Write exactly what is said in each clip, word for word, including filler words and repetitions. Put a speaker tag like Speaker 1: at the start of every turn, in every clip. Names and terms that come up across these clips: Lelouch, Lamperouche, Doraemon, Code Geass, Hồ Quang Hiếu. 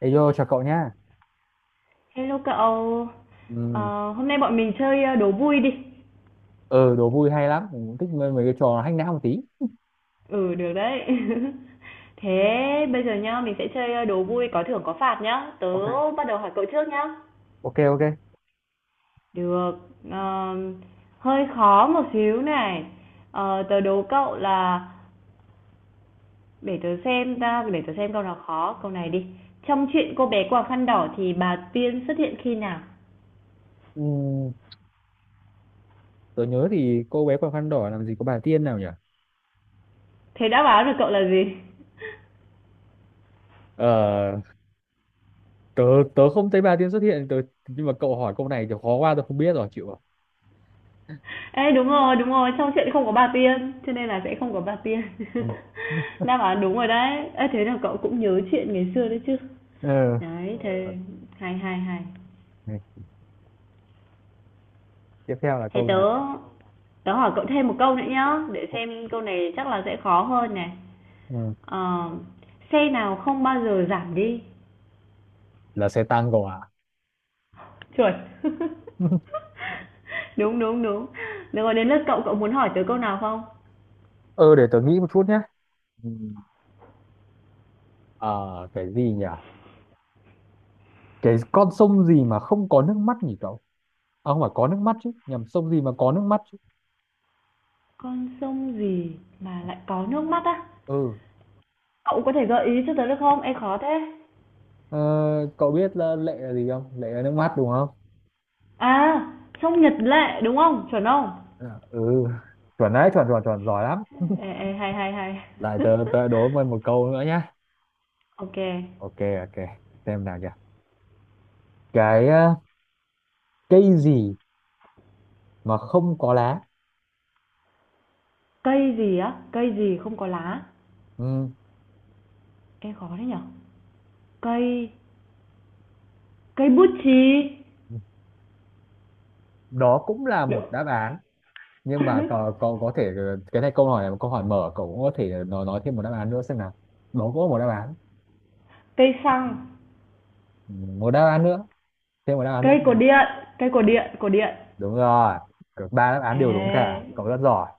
Speaker 1: Ê vô chào cậu nhá.
Speaker 2: Hello cậu,
Speaker 1: Ừ,
Speaker 2: ờ, hôm nay bọn mình chơi ờ, đố vui đi.
Speaker 1: ờ, đố vui hay lắm, mình cũng thích mấy, mấy cái trò hack não một tí.
Speaker 2: Ừ, được đấy. Thế bây giờ nhá, mình sẽ chơi ờ, đố vui có thưởng có phạt nhá. Tớ
Speaker 1: Ok,
Speaker 2: bắt đầu hỏi cậu trước nhá.
Speaker 1: ok, ok.
Speaker 2: Được, ờ, hơi khó một xíu này. Ờ, tớ đố cậu là, để tớ xem ta, để tớ xem câu nào khó, câu này đi. Trong chuyện cô bé quàng khăn đỏ thì bà Tiên xuất hiện khi nào?
Speaker 1: Ừ, tớ nhớ thì cô bé quàng khăn đỏ làm gì có bà Tiên nào nhỉ?
Speaker 2: Thế đã báo được cậu là gì?
Speaker 1: Ờ, tớ tớ không thấy bà Tiên xuất hiện, tớ nhưng mà cậu hỏi câu này thì khó quá tớ không biết rồi, chịu rồi.
Speaker 2: Ê, đúng rồi, đúng rồi, trong chuyện không có bà Tiên, cho nên là sẽ không có bà Tiên.
Speaker 1: Ừ.
Speaker 2: Đáp án đúng rồi đấy. Ê, thế là cậu cũng nhớ chuyện ngày xưa đấy chứ.
Speaker 1: Ừ.
Speaker 2: Đấy, thế
Speaker 1: Ok.
Speaker 2: hay hay hay.
Speaker 1: Tiếp theo là
Speaker 2: Thế
Speaker 1: câu nào?
Speaker 2: tớ tớ hỏi cậu thêm một câu nữa nhá, để xem câu này chắc là sẽ khó hơn này.
Speaker 1: Ừ.
Speaker 2: Ờ, Xe nào không bao giờ giảm đi?
Speaker 1: Là xe tăng cậu à?
Speaker 2: Chuẩn. Đúng, đúng, đúng. Được rồi, đến lượt cậu, cậu muốn hỏi tớ câu nào không?
Speaker 1: Ừ, để tớ nghĩ một chút nhá. Ừ. Ờ, cái gì nhỉ? Cái con sông gì mà không có nước mắt nhỉ cậu? À, không phải có nước mắt chứ, nhầm sông gì mà có nước mắt chứ?
Speaker 2: Con sông gì mà lại có nước mắt á?
Speaker 1: Ừ.
Speaker 2: Cậu có thể gợi ý cho tớ được không? Ê, khó thế.
Speaker 1: ờ, cậu biết là lệ là gì không, lệ là nước mắt đúng không?
Speaker 2: À, trong Nhật Lệ, đúng không? Chuẩn không?
Speaker 1: À, ừ, chuẩn đấy, chuẩn chuẩn chuẩn, giỏi lắm.
Speaker 2: Ê, ê, hay, hay, hay.
Speaker 1: Lại tớ tớ đố mày một câu nữa nhá.
Speaker 2: Ok.
Speaker 1: Ok ok Xem nào nhỉ, cái ờ, cây gì mà không có lá.
Speaker 2: Cây gì á? Cây gì không có lá?
Speaker 1: Ừ.
Speaker 2: Ê, khó thế nhở? Cây cây bút chì.
Speaker 1: Đó cũng là
Speaker 2: Đ
Speaker 1: một đáp án, nhưng mà cậu cậu có thể ờ, cái này, câu hỏi này là một câu hỏi mở, cậu cũng có thể nói nói thêm một đáp án nữa xem nào. Đó cũng có một đáp án.
Speaker 2: Cây xăng,
Speaker 1: Ừ, một đáp án nữa, thêm một đáp án nữa.
Speaker 2: cây cột điện, cây cột điện, cột điện.
Speaker 1: Đúng rồi. Cả ba đáp án
Speaker 2: Ê.
Speaker 1: đều đúng cả, cậu rất giỏi.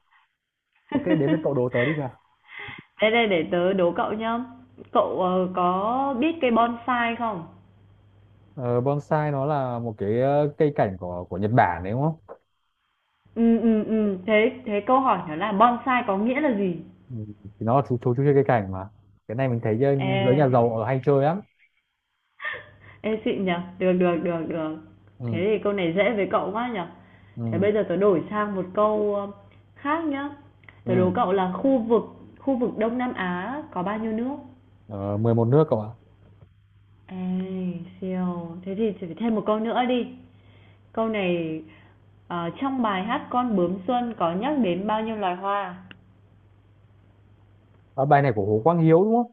Speaker 1: Ok, đến lượt cậu đố tớ đi nhỉ.
Speaker 2: Đây, đây, để tớ đố cậu nhá. Cậu, ờ, có biết cây bonsai không?
Speaker 1: Ờ, bonsai nó là một cái ờ, cây cảnh của của Nhật Bản đấy đúng không?
Speaker 2: Ừ ừ ừ. thế thế câu hỏi nó là bonsai có nghĩa là gì?
Speaker 1: Ừ. Thì nó là chú chú chú chơi cây cảnh mà. Cái này mình thấy giới
Speaker 2: Ê.
Speaker 1: giới nhà giàu ở hay chơi lắm.
Speaker 2: Ê, xịn nhỉ? Được, được, được, được.
Speaker 1: Ừ.
Speaker 2: Thế thì câu này dễ với cậu quá nhở. Thế
Speaker 1: Ừ.
Speaker 2: bây giờ tớ đổi sang một câu, ơ, khác nhá. Tớ đố
Speaker 1: Ừ.
Speaker 2: cậu là khu vực khu vực Đông Nam Á có bao nhiêu nước?
Speaker 1: Ờ, mười một nước cậu ạ.
Speaker 2: Ê, siêu. Thế thì chỉ phải thêm một câu nữa đi. Câu này, ờ, trong bài hát Con bướm xuân có nhắc đến bao nhiêu loài hoa?
Speaker 1: Ờ, bài này của Hồ Quang Hiếu đúng không?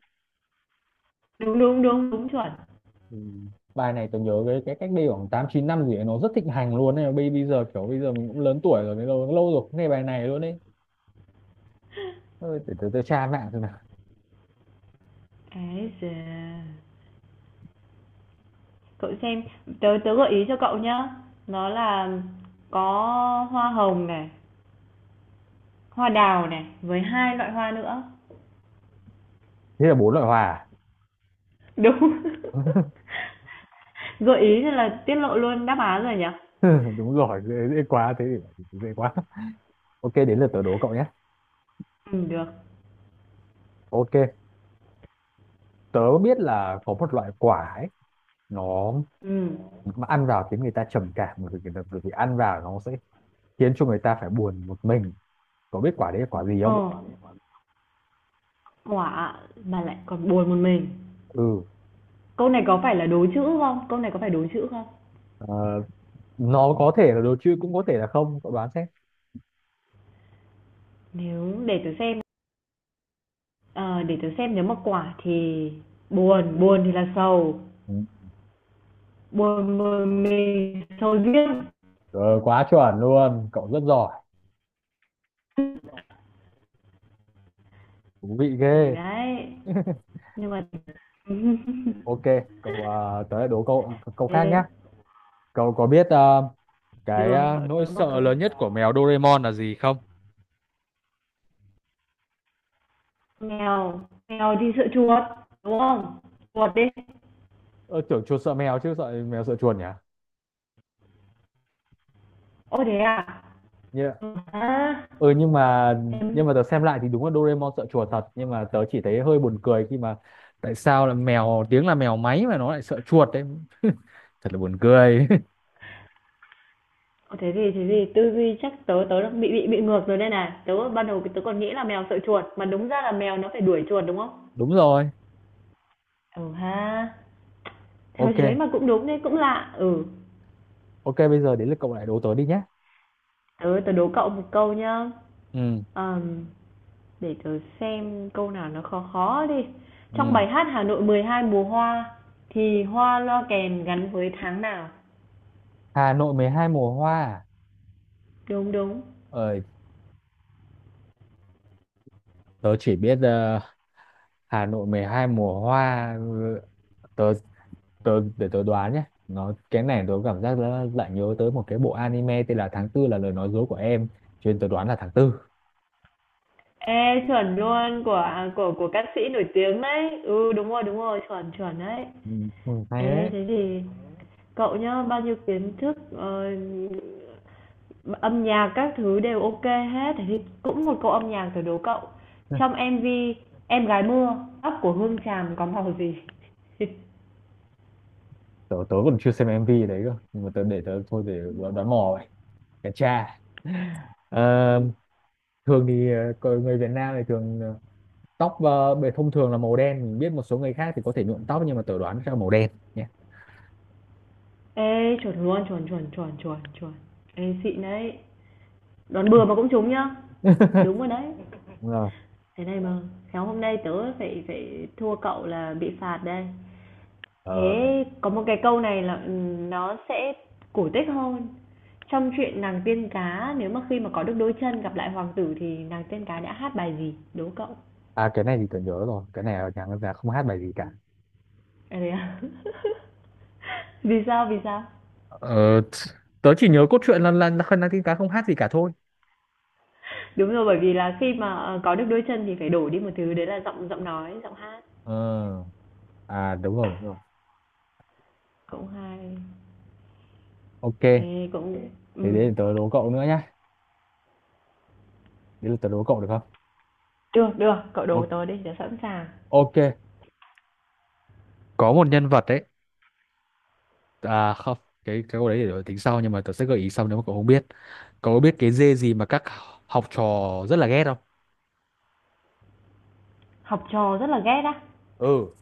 Speaker 2: Đúng, đúng, đúng, đúng chuẩn.
Speaker 1: Ừ. Bài này tôi nhớ cái cái cách đây khoảng tám chín năm gì ấy, nó rất thịnh hành luôn này. Bây bây giờ kiểu bây giờ mình cũng lớn tuổi rồi, cái lâu lâu rồi cũng nghe bài này luôn đấy. Ôi, để tôi, tôi tra mạng xem nào.
Speaker 2: Ê giời. Cậu xem, tớ tớ gợi ý cho cậu nhá. Nó là có hoa hồng này, hoa đào này, với hai loại hoa nữa.
Speaker 1: Thế là bốn loại hòa.
Speaker 2: Đúng.
Speaker 1: À?
Speaker 2: Gợi ý thì là tiết lộ luôn đáp án rồi nhỉ?
Speaker 1: Đúng rồi, dễ, dễ quá, thế thì dễ quá. Ok, đến lượt tớ đố cậu nhé.
Speaker 2: Ừm, được.
Speaker 1: Ok. Tớ biết là có một loại quả ấy, nó
Speaker 2: Ừm.
Speaker 1: mà ăn vào khiến người ta trầm cảm, bởi vì, bởi vì ăn vào nó sẽ khiến cho người ta phải buồn một mình. Có biết quả đấy là quả gì
Speaker 2: Ờ,
Speaker 1: không?
Speaker 2: Quả mà lại còn buồn một mình.
Speaker 1: Ừ.
Speaker 2: Câu này có phải là đố chữ không? Câu này có phải đố chữ không?
Speaker 1: ờ, nó có thể là đồ chơi cũng có thể là không, cậu đoán xem.
Speaker 2: Nếu để tớ xem, ờ, để tớ xem nếu mà quả thì buồn, buồn thì là sầu,
Speaker 1: Ừ.
Speaker 2: buồn một mình sầu riêng.
Speaker 1: Rồi, quá chuẩn luôn, cậu rất giỏi. Thú vị
Speaker 2: Ừ,
Speaker 1: ghê.
Speaker 2: đấy, nhưng mà
Speaker 1: Ok, cậu ờ, tớ lại đố cậu câu khác nhé.
Speaker 2: thế,
Speaker 1: Cậu có biết ờ, cái
Speaker 2: được,
Speaker 1: ờ,
Speaker 2: cậu
Speaker 1: nỗi
Speaker 2: đố một
Speaker 1: sợ
Speaker 2: câu.
Speaker 1: lớn nhất của mèo Doraemon là gì không?
Speaker 2: Mèo mèo đi sợ chuột đúng không? Chuột đi.
Speaker 1: ờ, Tưởng chuột sợ mèo chứ, sợ mèo sợ chuột
Speaker 2: Ô, thế à.
Speaker 1: nhỉ?
Speaker 2: Ừ, ha.
Speaker 1: Ừ, nhưng mà
Speaker 2: Thế,
Speaker 1: nhưng mà tớ xem lại thì đúng là Doraemon sợ chuột thật, nhưng mà tớ chỉ thấy hơi buồn cười khi mà tại sao là mèo, tiếng là mèo máy mà nó lại sợ chuột đấy. Thật là buồn cười.
Speaker 2: ô, thế gì thế gì tư duy chắc tớ tớ đang bị bị bị ngược rồi đây này. Tớ ban đầu tớ còn nghĩ là mèo sợ chuột mà đúng ra là mèo nó phải đuổi chuột đúng không?
Speaker 1: Đúng rồi.
Speaker 2: Ừ ha, theo
Speaker 1: Ok.
Speaker 2: thế mà cũng đúng đấy, cũng lạ. Ừ,
Speaker 1: Ok, bây giờ đến lượt cậu lại đố tớ đi nhé.
Speaker 2: tớ tớ đố cậu một câu nhá.
Speaker 1: Ừ.
Speaker 2: Ờm, để tớ xem câu nào nó khó khó đi. Trong
Speaker 1: Ừ.
Speaker 2: bài hát Hà Nội mười hai mùa hoa thì hoa loa kèn gắn với tháng nào?
Speaker 1: Hà Nội mười hai mùa hoa à?
Speaker 2: Đúng đúng.
Speaker 1: Ờ, tớ chỉ biết ờ, Hà Nội mười hai mùa hoa. ừ, tớ tớ để tớ đoán nhé, nó cái này tớ cảm giác là lại nhớ tới một cái bộ anime tên là tháng tư là lời nói dối của em, cho nên tớ đoán là tháng tư.
Speaker 2: Ê chuẩn luôn, của của của ca sĩ nổi tiếng đấy. Ừ đúng rồi, đúng rồi, chuẩn chuẩn đấy.
Speaker 1: Ừ, ừ, hay
Speaker 2: Ê
Speaker 1: đấy.
Speaker 2: thế thì cậu nhá, bao nhiêu kiến thức ờ, âm nhạc các thứ đều ok hết. Thế thì cũng một câu âm nhạc thử đố cậu.
Speaker 1: Ừ,
Speaker 2: Trong em vi Em gái mưa, tóc của Hương Tràm có màu gì?
Speaker 1: tớ, tớ còn chưa xem em vê đấy cơ, nhưng mà tớ để tớ thôi để đoán, đoán mò vậy. Cái cha. Ờ, thường thì ờ, con người Việt Nam thì thường ờ, tóc ờ, bề thông thường là màu đen, mình biết một số người khác thì có thể nhuộm tóc, nhưng mà tớ đoán sẽ là màu đen nhé.
Speaker 2: Ê chuẩn luôn, chuẩn chuẩn chuẩn chuẩn chuẩn. Ê xịn đấy. Đoán bừa mà cũng trúng nhá. Đúng rồi đấy.
Speaker 1: Đúng rồi.
Speaker 2: Thế này mà khéo hôm nay tớ phải phải thua cậu là bị phạt đây.
Speaker 1: Ờ,
Speaker 2: Thế có một cái câu này là, ừm, nó sẽ cổ tích hơn. Trong chuyện nàng tiên cá, nếu mà khi mà có được đôi chân gặp lại hoàng tử thì nàng tiên cá đã hát bài gì? Đố cậu.
Speaker 1: à, cái này thì tớ nhớ rồi, cái này ở nhà ngân hàng không hát bài gì cả.
Speaker 2: À, thế à? Vì sao, vì sao?
Speaker 1: Ờ, t- tớ chỉ nhớ cốt truyện là là là Khăn Năng tin Cá không hát gì cả thôi.
Speaker 2: Đúng rồi, bởi vì là khi mà, ờ, có được đôi chân thì phải đổi đi một thứ, đấy là giọng giọng nói, giọng hát.
Speaker 1: Ờ, à đúng rồi đúng rồi.
Speaker 2: Cũng hay.
Speaker 1: Ok,
Speaker 2: Ê, cũng.
Speaker 1: thế
Speaker 2: Ừm.
Speaker 1: để tớ đố cậu nữa nhá, đấy là tớ đố cậu được không?
Speaker 2: Được, được, cậu đố
Speaker 1: O-
Speaker 2: tớ đi, tớ sẵn sàng.
Speaker 1: ok, có một nhân vật đấy, à không, cái cái câu đấy để tính sau, nhưng mà tớ sẽ gợi ý sau nếu mà cậu không biết. Cậu có biết cái dê gì mà các học trò rất là ghét không?
Speaker 2: Học trò rất là ghét á.
Speaker 1: Ừ.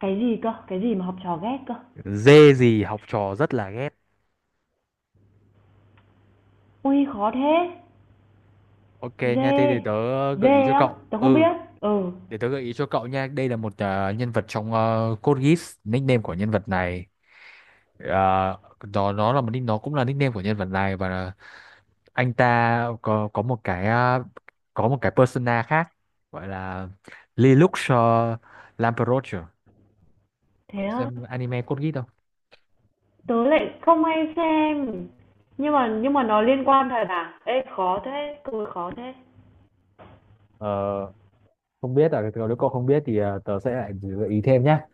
Speaker 2: Cái gì cơ? Cái gì mà học trò ghét cơ?
Speaker 1: Dê gì học trò rất là ghét.
Speaker 2: Ui, khó thế.
Speaker 1: Ok nha, thế thì
Speaker 2: Dê,
Speaker 1: tớ gợi ý
Speaker 2: dê
Speaker 1: cho
Speaker 2: á,
Speaker 1: cậu.
Speaker 2: tớ không
Speaker 1: Ừ.
Speaker 2: biết. Ừ,
Speaker 1: Để tớ gợi ý cho cậu nha, đây là một ờ, nhân vật trong uh, Code Geass, nickname của nhân vật này. Ờ, nó nó là một nick- nó cũng là nickname của nhân vật này, và là anh ta có có một cái ờ, có một cái persona khác, gọi là Lelouch uh, Lamperouche.
Speaker 2: thế
Speaker 1: Cậu
Speaker 2: á,
Speaker 1: xem anime Code Geass không?
Speaker 2: tớ lại không hay xem. Nhưng mà nhưng mà nó liên quan thật à? Ê khó thế, cười khó thế.
Speaker 1: Ờ, không biết à? Nếu cậu không biết thì ờ, tớ sẽ lại gợi ý thêm nhá.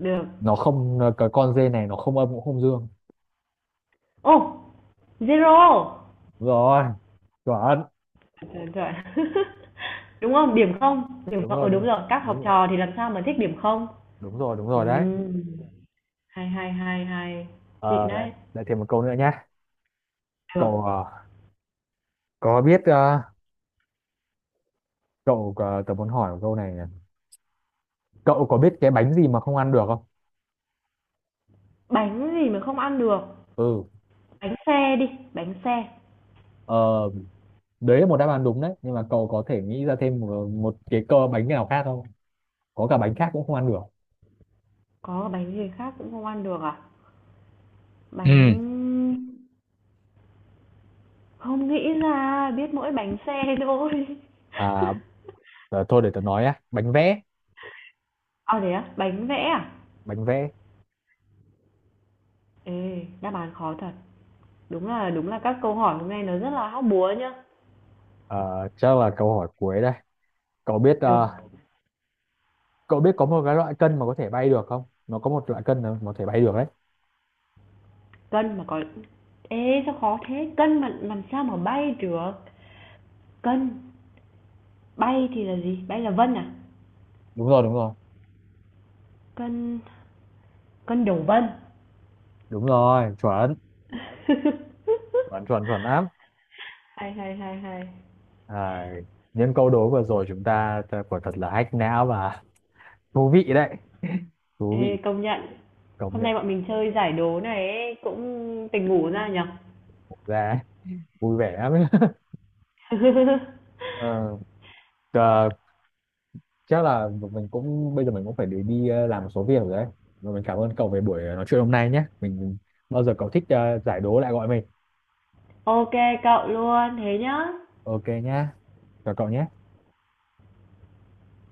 Speaker 2: Được.
Speaker 1: Nó không ờ, cái con dê này nó không âm cũng không dương.
Speaker 2: Ô, zero.
Speaker 1: Đúng rồi, chuẩn.
Speaker 2: Trời trời. Đúng không? Điểm không? Điểm
Speaker 1: Đúng
Speaker 2: không?
Speaker 1: rồi,
Speaker 2: Ừ đúng
Speaker 1: đúng.
Speaker 2: rồi, các
Speaker 1: Đúng
Speaker 2: học
Speaker 1: rồi,
Speaker 2: trò thì làm sao mà thích điểm không?
Speaker 1: đúng rồi đúng rồi đấy.
Speaker 2: Ừm, hay hay hay hay.
Speaker 1: Ờ,
Speaker 2: Xịn
Speaker 1: lại,
Speaker 2: đấy.
Speaker 1: lại thêm một câu nữa nhé.
Speaker 2: Được.
Speaker 1: Cậu ờ, có biết ờ, cậu có- tớ muốn hỏi một câu này này. Cậu có biết cái bánh gì mà không ăn được không?
Speaker 2: Bánh gì mà không ăn được?
Speaker 1: Ừ.
Speaker 2: Bánh xe đi, bánh xe.
Speaker 1: Ờ, đấy là một đáp án đúng đấy, nhưng mà cậu có thể nghĩ ra thêm một, một cái cơ bánh nào khác không? Có cả bánh khác cũng không ăn được.
Speaker 2: Có bánh gì khác cũng không ăn được à?
Speaker 1: Ừ,
Speaker 2: Bánh Không nghĩ ra, biết mỗi bánh xe thôi.
Speaker 1: à, ờ, thôi để tớ nói á, bánh vẽ,
Speaker 2: À, thế á? Bánh vẽ à?
Speaker 1: bánh vẽ.
Speaker 2: Ê, đáp án khó thật. Đúng là đúng là các câu hỏi hôm nay nó rất là hóc búa nhá.
Speaker 1: Ờ, chắc là câu hỏi cuối đây. Cậu biết
Speaker 2: Được,
Speaker 1: ờ, cậu biết có một cái loại cân mà có thể bay được không? Nó có một loại cân mà có thể bay được đấy.
Speaker 2: cân mà có Ê, sao khó thế? Cân mà làm sao mà bay được? Cân, bay thì là gì? Bay là vân à?
Speaker 1: Đúng rồi, đúng rồi.
Speaker 2: Cân cân đổ vân.
Speaker 1: Đúng rồi, chuẩn, chuẩn chuẩn chuẩn lắm.
Speaker 2: Hay, hay, hay, hay.
Speaker 1: À, những câu đố vừa rồi chúng ta ta quả thật là hack não và thú vị đấy, thú vị,
Speaker 2: Ê, công nhận.
Speaker 1: công
Speaker 2: Hôm
Speaker 1: nhận.
Speaker 2: nay bọn mình chơi giải đố này ấy, cũng tỉnh ngủ ra nhỉ?
Speaker 1: Ra vui vẻ lắm. Ờ, ờ, chắc là mình cũng bây giờ mình cũng phải đi, đi ờ, làm một số việc rồi đấy, và mình cảm ơn cậu về buổi ờ, nói chuyện hôm nay nhé. Mình bao giờ cậu thích ờ, giải đố lại gọi mình.
Speaker 2: OK cậu luôn thế nhá
Speaker 1: Ok nhá, chào cậu nhé.